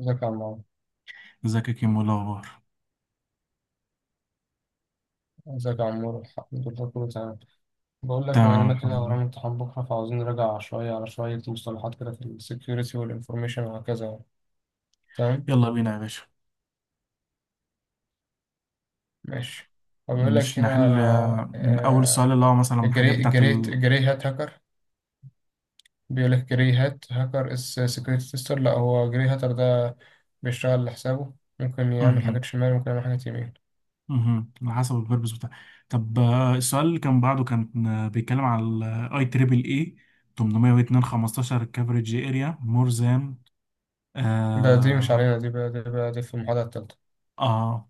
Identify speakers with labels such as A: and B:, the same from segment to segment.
A: ازيك يا عمار
B: ازيك يا كيمو، إيه الاخبار؟
A: ازيك يا عمار. الحمد لله كله تمام. بقول لك، بما
B: تمام،
A: اننا
B: الحمد
A: كده
B: لله.
A: ورانا امتحان بكره، فعاوزين نراجع شويه على شويه مصطلحات كده في السكيورتي والانفورميشن وهكذا يعني. تمام.
B: يلا بينا يا باشا.
A: ماشي. فبيقول لك هنا
B: نحل، من اول السؤال
A: آه،
B: اللي هو مثلا الحاجات
A: الجري
B: بتاعت
A: الجري
B: ال.
A: الجري هات هاكر. بيقول لك جري هات هاكر از سكيورتي تيستر. لا، هو جري هاتر ده بيشتغل لحسابه، ممكن يعمل
B: مهم.
A: حاجات شمال ممكن يعمل حاجات يمين.
B: مهم، على حسب البيربز بتاع. طب السؤال اللي كان بعده كان بيتكلم على الاي تريبل اي 802 15 كفريج اريا مور ذان.
A: دي مش
B: آه.
A: علينا، دي في المحاضره التالتة.
B: آه.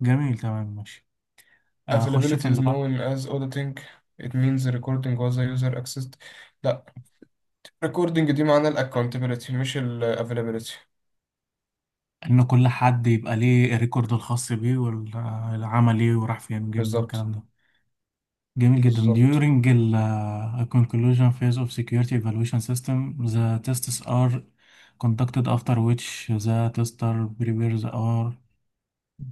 B: جميل، تمام، ماشي. آه، خش في
A: Availability is
B: اللي بعد.
A: known as auditing. It means recording was a user accessed. لا، recording دي معناها ال accountability مش ال availability.
B: إن كل حد يبقى ليه الريكورد الخاص بيه والعمل إيه وراح فين وجه منين
A: بالظبط.
B: الكلام. جميل جدا.
A: بالظبط.
B: During ال conclusion phase of security evaluation system, the tests are conducted after which the tester prepares or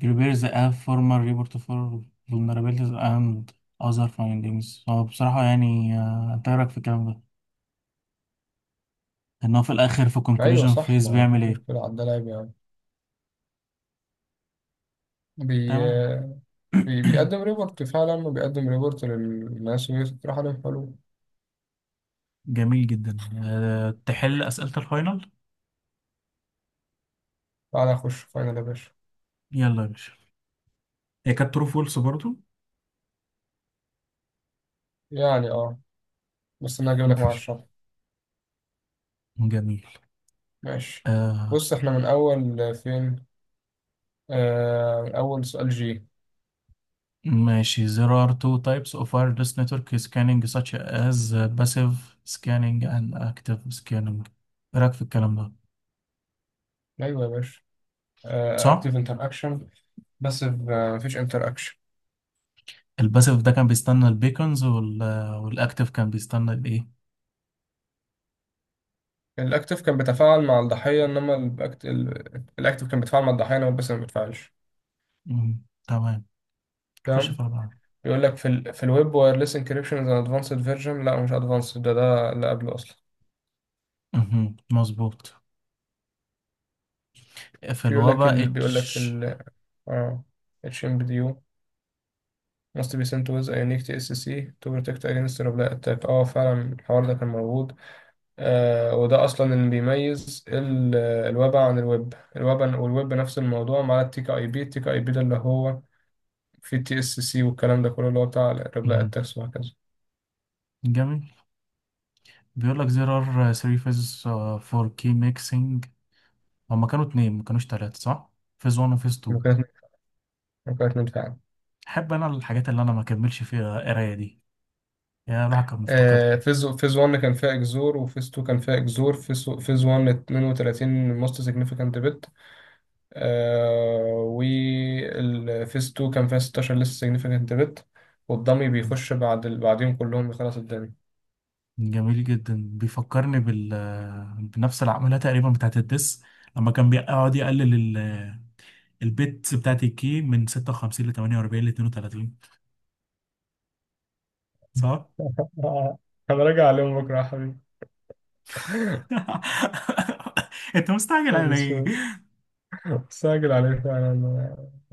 B: prepares a formal report for vulnerabilities and other findings. هو بصراحة يعني، انت إيه رأيك في الكلام ده؟ ان هو في الاخر في
A: ايوه
B: conclusion
A: صح،
B: phase
A: ما
B: بيعمل
A: فيش
B: ايه؟
A: مشكله على ده، لاعب يعني. بي...
B: تمام.
A: بيقدم ريبورت فعلا، وبيقدم ريبورت للناس ويطرح عليهم حلول.
B: جميل جدا. تحل أسئلة الفاينل.
A: تعالى اخش فاينل يا باشا.
B: يلا يا باشا. هي كانت true false برضو.
A: يعني اه، بس انا هجيب لك مع
B: مفيش.
A: الشرح.
B: جميل.
A: ماشي.
B: آه
A: بص احنا من اول فين؟ اول سؤال جي.
B: ماشي. There are two types of wireless network scanning such as passive scanning and active scanning. ايه رأيك في الكلام ده؟
A: ايوه يا باشا،
B: صح.
A: اكتيف انتر اكشن. بس مفيش انتراكشن.
B: الباسيف ده كان بيستنى البيكونز والاكتيف كان بيستنى الايه؟
A: الاكتف كان بيتفاعل مع الضحيه، انما الاكتف كان بيتفاعل مع الضحيه انما بس ما بيتفاعلش.
B: مم، تمام. خش
A: تمام.
B: في بعض.
A: يقول لك في ال في الويب وايرلس انكريبشن از ادفانسد فيرجن. لا مش ادفانسد، ده ده اللي قبله اصلا.
B: مهم. مظبوط. في
A: في يقول لك
B: الوبا
A: ال بيقول لك
B: اتش.
A: ال اه اتش ام بي دي يو must be sent with a unique TSC to protect against reply attack. اه فعلا الحوار ده كان موجود. آه وده اصلا اللي بيميز الويب عن الويب الويب والويب. نفس الموضوع مع التيك اي بي. التيك اي بي ده اللي هو في تي اس سي، والكلام ده كله اللي هو بتاع الريبلاي
B: مهم.
A: اتاكس وهكذا.
B: جميل. بيقول لك there are three phases for key mixing. هما كانوا اتنين ما كانوش تلاتة، صح؟ phase 1 و phase 2.
A: ممكن ممكن اتنين فعلا.
B: احب انا الحاجات اللي انا ما كملش فيها قرايه دي، يا الواحد كان مفتقدها.
A: آه فيز 1 كان فيها اكزور، وفيز 2 كان فيها اكزور. فيز 1 32 موست سيجنيفيكانت بت. آه، والفيز 2 كان فيها 16 لسه سيجنيفيكانت بت. والضمي بيخش بعد بعديهم كلهم بيخلص الدنيا.
B: جميل جدا. بيفكرني بنفس العملية تقريبا بتاعت الدس، لما كان بيقعد يقلل البيتس بتاعت الكي من 56 ل 48 ل 32، صح؟
A: آه، انا راجع عليهم بكره يا حبيبي.
B: انت مستعجل
A: نهار
B: على ايه؟
A: اسود. ساجل عليه فعلا.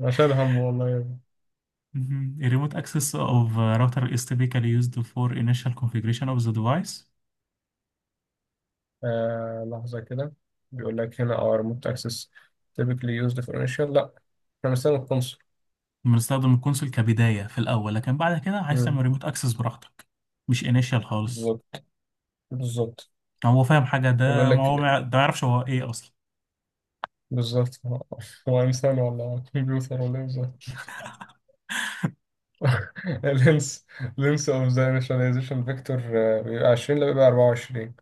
A: أنا شايل هم والله.
B: مهم. A remote access of a router is typically used for initial configuration of the device.
A: آه لحظة كده. بيقول لك هنا our remote access typically used for initial. لا، احنا بنستخدم الكونسول.
B: بنستخدم الكونسول كبداية في الأول، لكن بعد كده عايز
A: مم.
B: تعمل remote access براحتك. مش initial خالص.
A: بالظبط. بالظبط.
B: هو فاهم حاجة
A: بيقول
B: ده ما هو
A: لك
B: ما ده ما يعرفش هو ايه أصلا.
A: بالظبط هو، هو انسان ولا كمبيوتر ولا ايه بالظبط. اللينس، لينس اوف ذا initialization فيكتور بيبقى 20. لا بيبقى 24،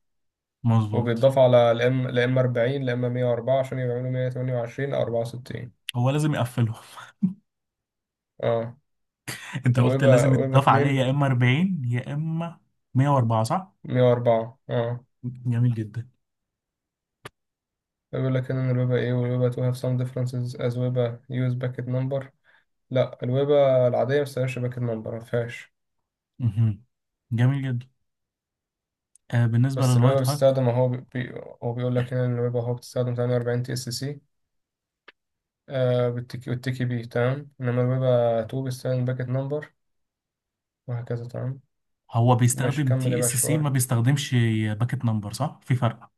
B: مظبوط.
A: وبيتضاف على الام الام 40 الام 104 عشان يعملوا 128 او 64.
B: هو لازم يقفلهم.
A: اه،
B: انت قلت لازم
A: ويبقى
B: يتضاف عليه
A: 2.
B: يا اما 40 يا اما 104، صح.
A: 104 اه.
B: جميل جدا.
A: بيقول لك هنا ان الويبة ايه والويبة to have some differences as ويبة use packet number. لا الويبة العادية ما بتستخدمش باكت نمبر، ما فيهاش.
B: مهم. جميل جدا. بالنسبه
A: بس الويبة
B: للوايت هاك.
A: بتستخدم اهو، هو بيقول لك هنا ان الويبة اهو بتستخدم 48 تي اس سي بالتكي والتكي بي، تمام. انما الويبة 2 بتستخدم باكت نمبر، وهكذا. تمام.
B: هو
A: ماشي
B: بيستخدم
A: كمل يا
B: تي اس
A: باشا
B: سي،
A: شوية.
B: ما بيستخدمش باكيت نمبر، صح، في فرق.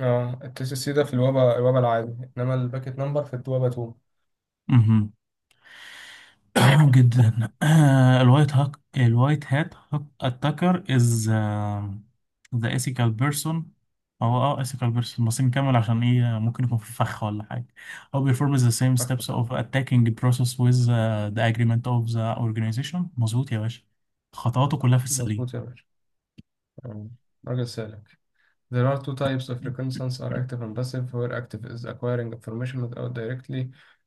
A: اه التي اس سي ده في الويبة الويبة العادي، انما الباكت نمبر في الويبة 2.
B: مهم. تمام جدا، الوايت هات اتاكر از ذا ethical بيرسون. هو ethical بيرسون، بس نكمل عشان ايه ممكن يكون في فخ ولا حاجة. هو performs the same steps of attacking process with the agreement of the organization. مظبوط يا باشا، خطواته كلها في السليم.
A: مظبوط يا باشا. آه، راجل سالك. There are two types of reconnaissance are active and passive, where active is acquiring information without directly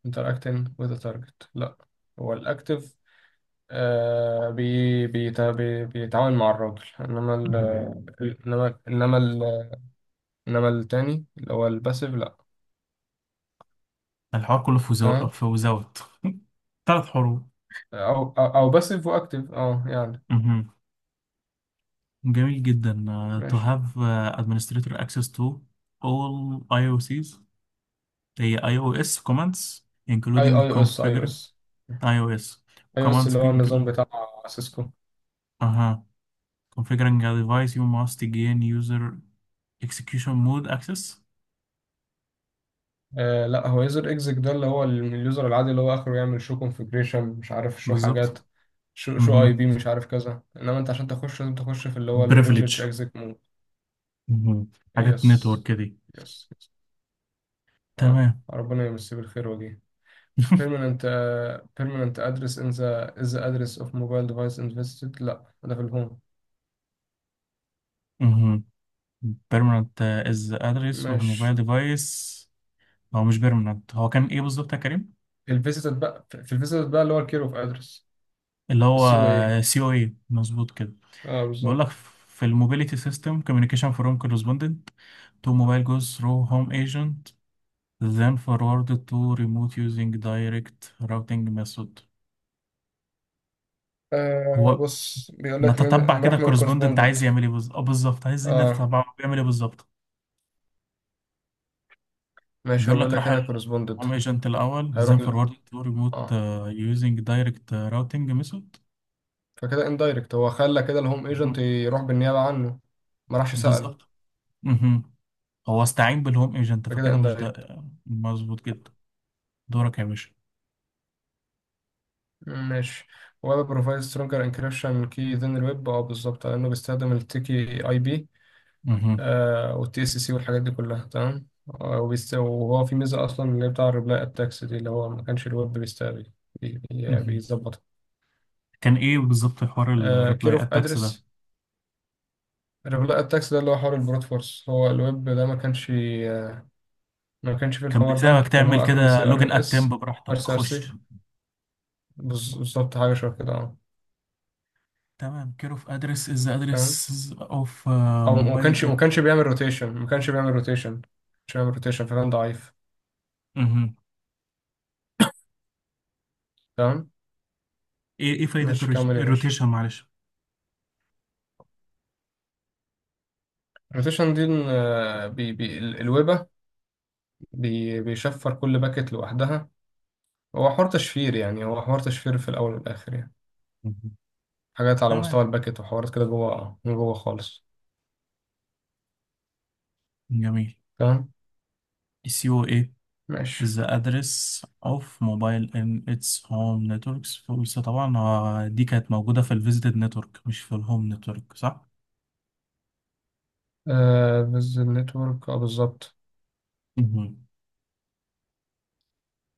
A: interacting with the target. لا، هو الأكتف آه بي بيتا بي بيتعاون مع الراجل، انما ال
B: مهم.
A: انما ال انما التاني اللي هو الباسيف لا.
B: الحوار كله
A: تمام.
B: في وزوت. ثلاث حروف.
A: أو باسيف واكتف اه يعني.
B: مهم. جميل جدا. To
A: ماشي.
B: have administrator access to all IOCs. هي اي او اس كوماندز
A: اي اي
B: including
A: او اس اي او
B: configure
A: اس
B: iOS
A: اي او اس
B: commands
A: اللي هو النظام
B: include.
A: بتاع سيسكو.
B: اها. Configuring a device you must gain user execution mode access.
A: آه لا، هو يوزر اكزيك ده اللي هو اليوزر العادي اللي هو اخره يعمل شو كونفجريشن مش عارف شو
B: بالظبط.
A: حاجات، شو
B: اها.
A: اي بي مش عارف كذا. انما انت عشان تخش لازم تخش في اللي هو البريفليج
B: Privilege.
A: اكزيك مود.
B: اها. حاجات نتورك
A: يس.
B: كده.
A: يس. اه،
B: تمام.
A: ربنا يمسيه بالخير وجيه. permanent permanent address in the is the address of mobile device invested. لا ده في الهوم.
B: اها. Permanent is the address of mobile
A: ماشي.
B: device. هو مش permanent، هو كان ايه بالظبط يا كريم؟
A: في الفيزيتد بقى، في الفيزيتد بقى اللي هو الكير اوف ادرس،
B: اللي هو
A: السي او اي.
B: سي او اي. مظبوط كده.
A: اه
B: بقول لك
A: بالظبط.
B: في الموبيليتي سيستم communication from correspondent to mobile goes through home agent then forwarded to remote using direct routing method.
A: آه
B: هو
A: بص، بيقول لك
B: نتتبع
A: من
B: كده
A: راح من
B: الكورسبوندنت
A: الكورسبوندنت.
B: عايز يعمل ايه بالظبط، عايز إن
A: اه
B: نتتبع هو بيعمل ايه بالظبط.
A: ماشي. هو
B: بيقول
A: بيقول
B: لك راح
A: لك هنا كورسبوندنت
B: الهوم ايجنت الاول، then
A: هيروح ل...
B: forwarded to remote
A: اه
B: using direct routing method.
A: فكده اندايركت، هو خلى كده الهوم
B: مهم.
A: ايجنت يروح بالنيابة عنه، ما راحش سأله.
B: بالظبط. مهم. هو استعين بالهوم ايجنت
A: فكده
B: فكده مش ده.
A: اندايركت.
B: مظبوط جدا. دورك يا باشا.
A: ماشي. ويب بروفايد سترونجر انكريبشن كي ذن الويب اه بالظبط، لانه بيستخدم التيكي اي بي
B: مهم.
A: والتي اس سي والحاجات دي كلها، تمام. آه، وهو في ميزة اصلا اللي هي بتاع الريبلاي اتاكس دي، اللي هو ما كانش الويب بيستقبل،
B: مهم.
A: بيظبطها.
B: كان ايه بالظبط حوار
A: كير
B: الريبلاي
A: اوف
B: اتاكس ده؟
A: ادرس. الريبلاي اتاكس ده اللي هو حوار البروت فورس، هو الويب ده ما كانش، ما كانش في
B: كان
A: الحوار
B: بيساعدك
A: ده، كان
B: تعمل
A: هو اخره
B: كده
A: سي
B: لوجن
A: ار
B: اتمب
A: اس ار
B: براحتك
A: سي ار
B: خش.
A: سي. بالظبط حاجه شبه كده اه.
B: تمام. كير اوف ادرس از
A: فاهم.
B: ادرس اوف
A: او ما
B: موبايل
A: كانش ما
B: ات.
A: كانش بيعمل روتيشن، ما كانش بيعمل روتيشن، مش بيعمل روتيشن، فكان ضعيف.
B: ايه
A: تمام.
B: ايه فايدة
A: ماشي كمل يا باشا.
B: الروتيشن، معلش.
A: الروتيشن دي إن، آه، الويبه بي بيشفر كل باكت لوحدها. هو حوار تشفير يعني، هو حوار تشفير في الاول والاخر يعني.
B: مهم.
A: حاجات على
B: تمام.
A: مستوى الباكت وحوارات كده جوه، آه، من جوه خالص.
B: جميل.
A: تمام.
B: السي او ايه
A: ماشي.
B: is the address of mobile in its home networks. فقلت طبعا، دي كانت موجودة في الفيزيتد نتورك مش في الهوم نتورك، صح؟
A: آه بز النتورك اه بالظبط.
B: مهم.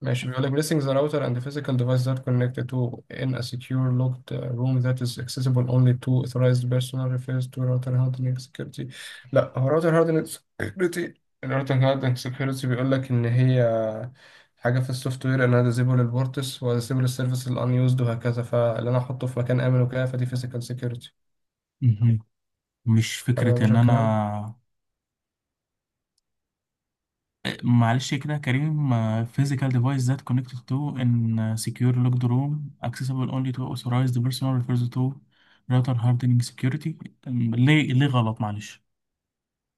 A: ماشي. بيقول لك blessing the router and the physical device that connect to in a secure locked room that is accessible only to authorized personnel refers to router hardening security. لا هو router hardening security. ال router hardening security بيقول لك ان هي حاجة في السوفت وير، انا disable البورتس و disable السيرفيس ال unused وهكذا. فاللي انا احطه في مكان امن وكده فدي physical security.
B: مهم. مش
A: حلو يا
B: فكرة ان
A: باشا الكلام.
B: انا. معلش كده يا كريم. Physical device that connected to in secure locked room accessible only to authorized person refers to router hardening security. ليه غلط؟ معلش.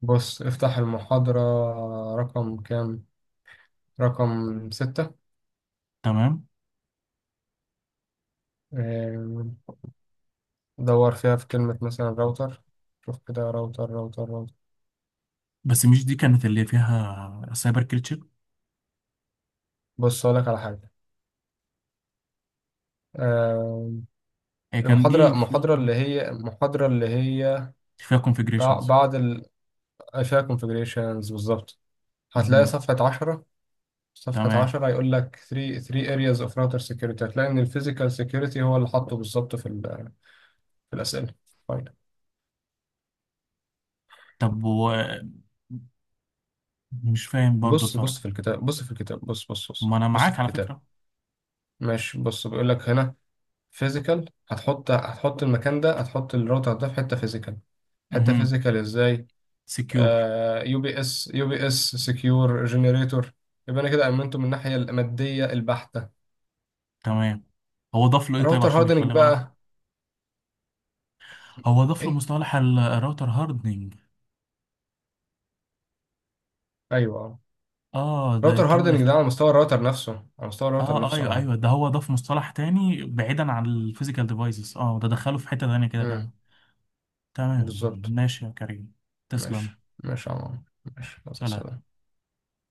A: بص افتح المحاضرة رقم كام. رقم 6.
B: تمام.
A: دور فيها في كلمة مثلا راوتر. شوف كده راوتر راوتر راوتر.
B: بس مش دي كانت اللي فيها سايبر كريتشر؟
A: بص أقولك على حاجة آه.
B: هي كان
A: المحاضرة
B: دي
A: المحاضرة
B: فيها
A: اللي هي المحاضرة اللي هي
B: فيها configurations.
A: بعد ال، فيها configurations بالظبط. هتلاقي
B: مهم.
A: صفحة 10. صفحة
B: تمام.
A: عشرة هيقول لك 3 areas of router security. هتلاقي إن الفيزيكال security هو اللي حاطه بالظبط في في الأسئلة. فايدة.
B: طب مش فاهم برضو
A: بص
B: الفرق.
A: في الكتاب، بص في الكتاب، بص بص بص
B: ما انا
A: بص
B: معاك
A: في
B: على
A: الكتاب.
B: فكرة.
A: ماشي، بص بيقول لك هنا فيزيكال، هتحط المكان ده، هتحط الراوتر ده في حته فيزيكال. حته
B: مهم.
A: فيزيكال ازاي؟
B: Secure.
A: يو بي اس سكيور جنريتور. يبقى انا كده امنته من الناحيه الماديه البحته.
B: تمام. هو ضاف له ايه طيب
A: راوتر
B: عشان
A: هاردنج
B: يخليه غلط؟
A: بقى.
B: هو ضاف له
A: ايه.
B: مصطلح الراوتر هاردنج.
A: ايوه اه.
B: اه، ده
A: راوتر
B: الكلمة اللي
A: هاردنج
B: في
A: ده
B: ال-.
A: على مستوى الراوتر نفسه، على مستوى الراوتر
B: اه،
A: نفسه
B: ايوه
A: اه.
B: ايوه، ده هو ضاف مصطلح تاني بعيدا عن الفيزيكال ديفايسز. اه ده دخله في حتة تانية كده كمان.
A: امم.
B: تمام
A: بالظبط.
B: ماشي يا كريم. تسلم.
A: ماشي يا عمر. ماشي، يلا،
B: سلام.
A: سلام.